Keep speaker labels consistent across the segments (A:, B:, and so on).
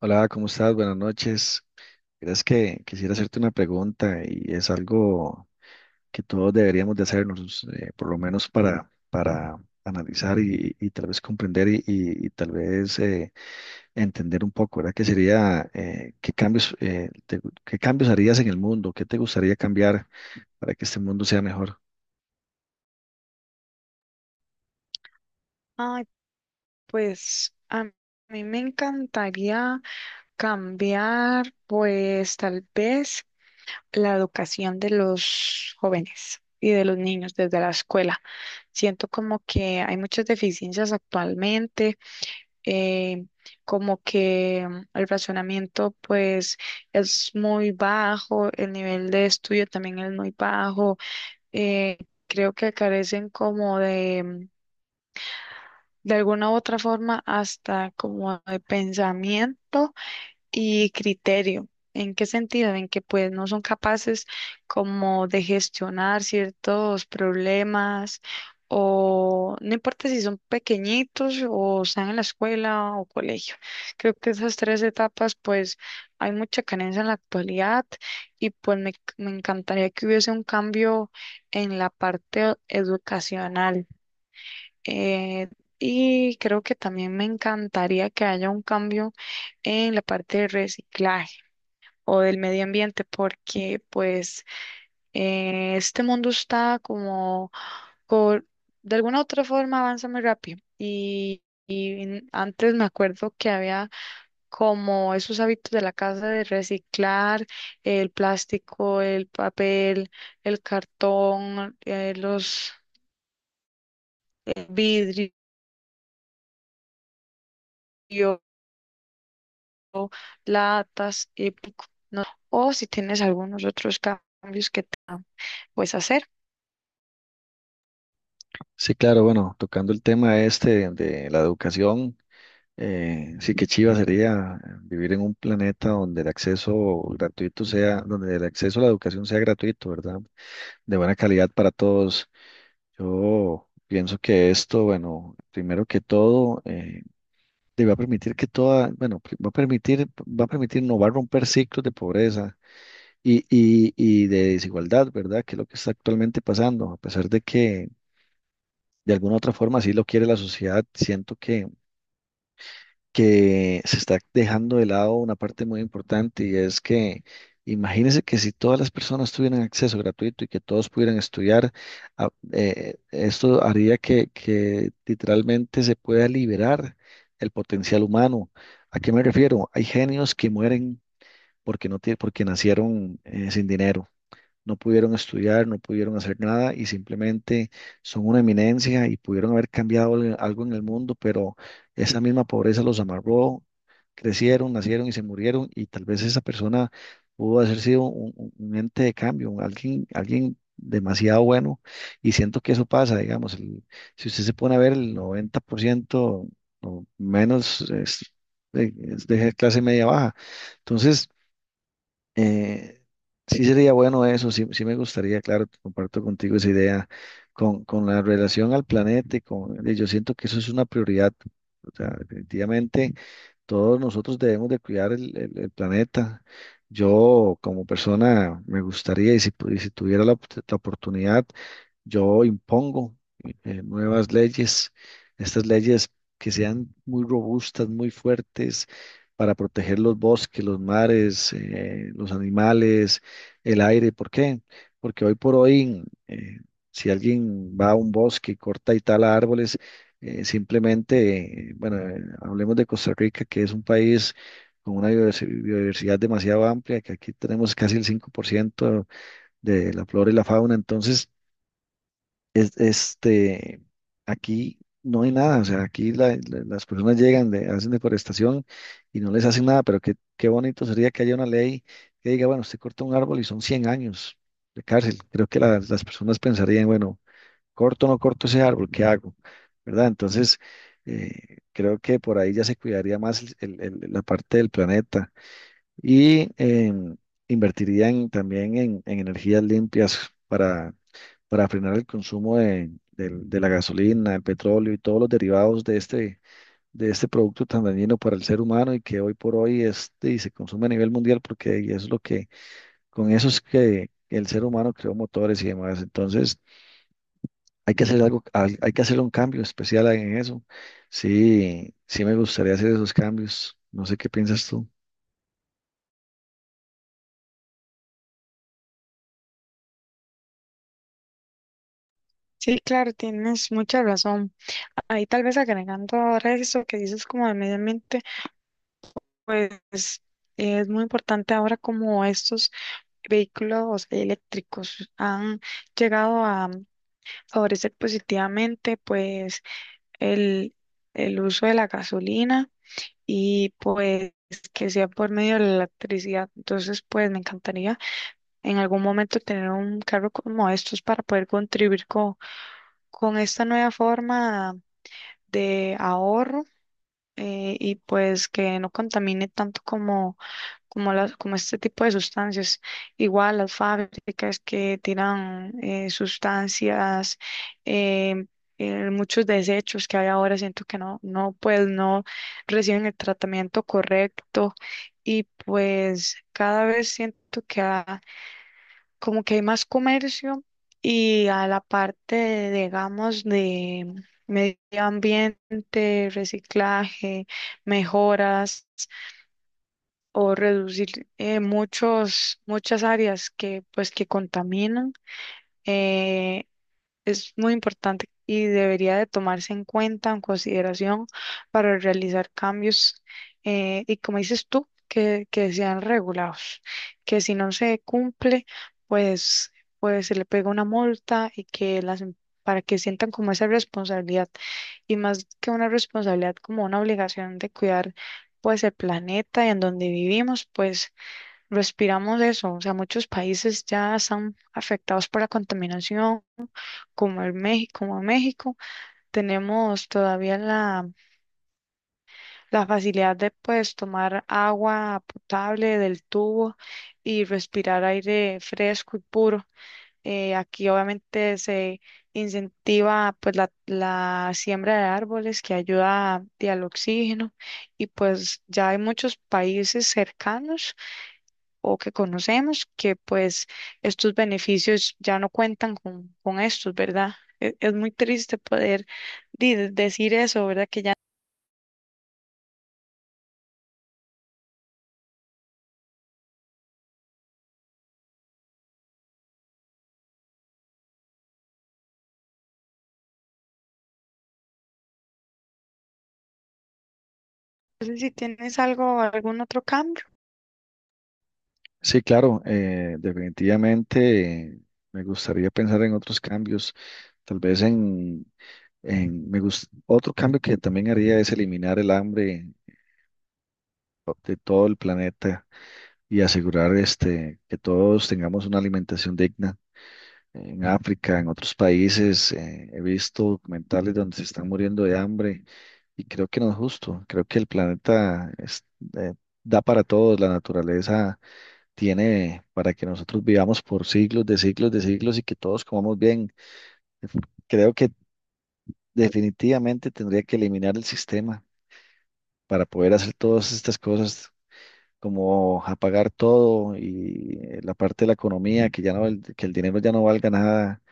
A: Hola, ¿cómo estás? Buenas noches. Verás que quisiera hacerte una pregunta y es algo que todos deberíamos de hacernos, por lo menos para analizar y tal vez comprender y tal vez entender un poco, ¿verdad? Que sería, ¿qué cambios, te qué cambios harías en el mundo? ¿Qué te gustaría cambiar para que este mundo sea mejor?
B: Ay, pues a mí me encantaría cambiar, pues tal vez la educación de los jóvenes y de los niños desde la escuela. Siento como que hay muchas deficiencias actualmente, eh, como que el razonamiento pues es muy bajo, el nivel de estudio también es muy bajo, eh, creo que carecen como de alguna u otra forma hasta como de pensamiento y criterio. ¿En qué sentido? En que pues no son capaces como de gestionar ciertos problemas o no importa si son pequeñitos o están en la escuela o colegio. Creo que esas tres etapas pues hay mucha carencia en la actualidad y pues me encantaría que hubiese un cambio en la parte educacional. Eh, y creo que también me encantaría que haya un cambio en la parte de reciclaje o del medio ambiente, porque pues este mundo está como, por- de alguna u otra forma avanza muy rápido. Y antes me acuerdo que había como esos hábitos de la casa de reciclar el plástico, el papel, el cartón, los vidrios latas, y pico, ¿no? O si tienes algunos otros cambios que te puedes hacer.
A: Sí, claro, bueno, tocando el tema este de la educación. Sí, que chiva sería vivir en un planeta donde el acceso gratuito sea, donde el acceso a la educación sea gratuito, ¿verdad? De buena calidad para todos. Yo pienso que esto, bueno, primero que todo, te va a permitir que toda, bueno, va a permitir, no va a romper ciclos de pobreza y de desigualdad, ¿verdad? Que es lo que está actualmente pasando, a pesar de que de alguna otra forma sí lo quiere la sociedad, siento que se está dejando de lado una parte muy importante y es que imagínense que si todas las personas tuvieran acceso gratuito y que todos pudieran estudiar, esto haría que literalmente se pueda liberar el potencial humano. ¿A qué me refiero? Hay genios que mueren porque nacieron sin dinero, no pudieron estudiar, no pudieron hacer nada y simplemente son una eminencia y pudieron haber cambiado algo en el mundo, pero esa misma pobreza los amarró, crecieron, nacieron y se murieron y tal vez esa persona pudo haber sido un ente de cambio, alguien demasiado bueno y siento que eso pasa, digamos, si usted se pone a ver el 90% o menos es, de clase media baja. Entonces, eh, sí sería bueno eso, sí, sí me gustaría, claro, comparto contigo esa idea con la relación al planeta y con, y yo siento que eso es una prioridad. O sea, definitivamente todos nosotros debemos de cuidar el planeta. Yo como persona me gustaría, y si tuviera la, la oportunidad, yo impongo nuevas leyes, estas leyes que sean muy robustas, muy fuertes para proteger los bosques, los mares, los animales, el aire. ¿Por qué? Porque hoy por hoy, si alguien va a un bosque y corta y tala árboles, simplemente, bueno, hablemos de Costa Rica, que es un país con una biodiversidad demasiado amplia, que aquí tenemos casi el 5% de la flora y la fauna. Entonces, este, aquí no hay nada, o sea, aquí las personas llegan, de, hacen deforestación y no les hacen nada, pero qué, qué bonito sería que haya una ley que diga, bueno, usted corta un árbol y son 100 años de cárcel. Creo que las personas pensarían, bueno, corto o no corto ese árbol, ¿qué hago? ¿Verdad? Entonces, creo que por ahí ya se cuidaría más la parte del planeta y invertiría también en energías limpias, para, para frenar el consumo de la gasolina, el petróleo y todos los derivados de este producto tan dañino para el ser humano y que hoy por hoy y se consume a nivel mundial porque y es lo que, con eso es que el ser humano creó motores y demás. Entonces, hay que hacer algo, hay que hacer un cambio especial en eso. Sí, sí me gustaría hacer esos cambios. No sé qué piensas tú.
B: Sí, claro, tienes mucha razón. Ahí tal vez agregando ahora eso que dices como de medio ambiente, pues es muy importante ahora como estos vehículos eléctricos han llegado a favorecer positivamente pues el, el uso de la gasolina y pues que sea por medio de la electricidad. Entonces, pues me encantaría en algún momento tener un cargo como estos para poder contribuir con esta nueva forma de ahorro y pues que no contamine tanto como, como, las, como este tipo de sustancias. Igual las fábricas que tiran sustancias, eh, muchos desechos que hay ahora, siento que no, no, pues no reciben el tratamiento correcto y pues cada vez siento que ha como que hay más comercio y a la parte, de, digamos, de medio ambiente, reciclaje, mejoras o reducir muchas áreas que pues que contaminan. eh, es muy importante y debería de tomarse en cuenta, en consideración, para realizar cambios y como dices tú, que sean regulados, que si no se cumple, pues, pues se le pega una multa y que las. Para que sientan como esa responsabilidad y más que una responsabilidad, como una obligación de cuidar pues el planeta y en donde vivimos, pues respiramos eso. O sea, muchos países ya están afectados por la contaminación como el México, como a México, tenemos todavía la facilidad de pues tomar agua potable del tubo y respirar aire fresco y puro. Aquí obviamente se incentiva pues la siembra de árboles que ayuda a- al oxígeno y pues ya hay muchos países cercanos o que conocemos, que pues estos beneficios ya no cuentan con estos, ¿verdad? E- Es muy triste poder di- decir eso, ¿verdad? Que ya no sé si tienes algo, algún otro cambio.
A: Sí, claro, definitivamente me gustaría pensar en otros cambios, tal vez en me gus- otro cambio que también haría es eliminar el hambre de todo el planeta y asegurar este, que todos tengamos una alimentación digna. En África, en otros países, he visto documentales donde se están muriendo de hambre y creo que no es justo, creo que el planeta eh, da para todos, la naturaleza tiene para que nosotros vivamos por siglos de siglos de siglos y que todos comamos bien. Creo que definitivamente tendría que eliminar el sistema para poder hacer todas estas cosas, como apagar todo y la parte de la economía, que ya no, que el dinero ya no valga nada,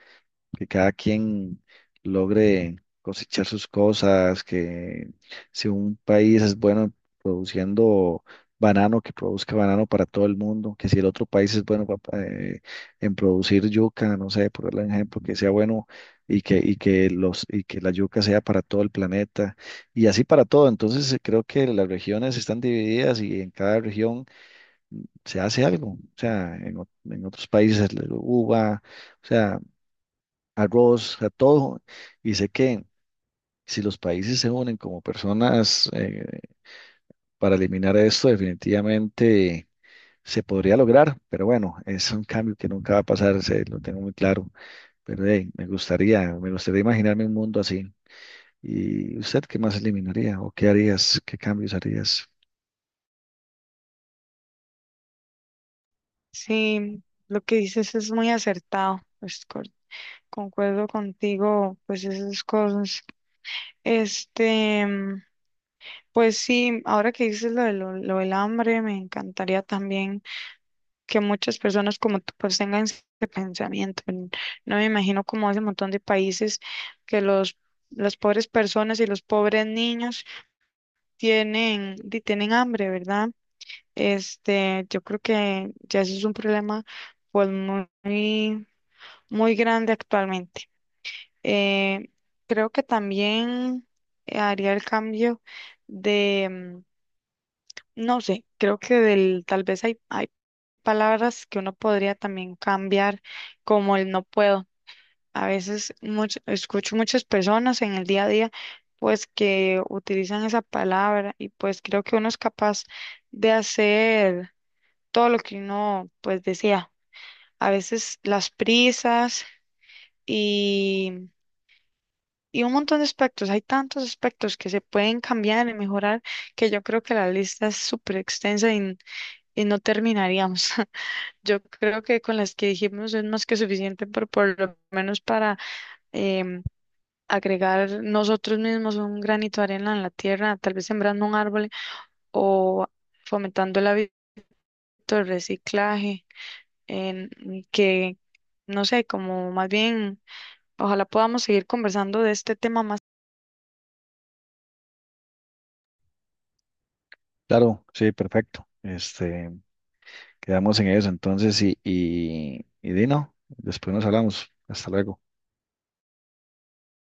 A: que cada quien logre cosechar sus cosas, que si un país es bueno produciendo banano, que produzca banano para todo el mundo, que si el otro país es bueno en producir yuca, no sé, por darle un ejemplo, que sea bueno y que la yuca sea para todo el planeta y así para todo. Entonces creo que las regiones están divididas y en cada región se hace algo. O sea, en otros países es la uva, o sea arroz, a todo. Y sé que si los países se unen como personas para eliminar esto, definitivamente se podría lograr. Pero bueno, es un cambio que nunca va a pasar, se, lo tengo muy claro. Pero hey, me gustaría imaginarme un mundo así. ¿Y usted qué más eliminaría o qué harías? ¿Qué cambios harías?
B: Sí, lo que dices es muy acertado, pues, co- concuerdo contigo, pues esas cosas. Este, mm, pues sí, ahora que dices lo, de lo del hambre, me encantaría también que muchas personas como tú pues tengan ese pensamiento. N- No me imagino como ese montón de países que los las pobres personas y los pobres niños tienen di- tienen hambre, ¿verdad? Este, yo creo que ya eso es un problema pues muy muy grande actualmente. Eh, Creo que también haría el cambio de mm, no sé, creo que del, tal vez hay, palabras que uno podría también cambiar, como el no puedo. A veces much- escucho muchas personas en el día a día, pues que utilizan esa palabra y pues creo que uno es capaz de hacer todo lo que uno pues desea. A veces las prisas y, y un montón de aspectos. Hay tantos aspectos que se pueden cambiar y mejorar que yo creo que la lista es súper extensa y no terminaríamos. Yo creo que con las que dijimos es más que suficiente, por lo menos para em, agregar nosotros mismos un granito de arena en la tierra, tal vez sembrando un árbol o fomentando el hábito del reciclaje, en que, no sé, como más bien, ojalá podamos seguir conversando de este tema.
A: Claro, sí, perfecto. Este, quedamos en eso entonces y Dino, después nos hablamos. Hasta luego.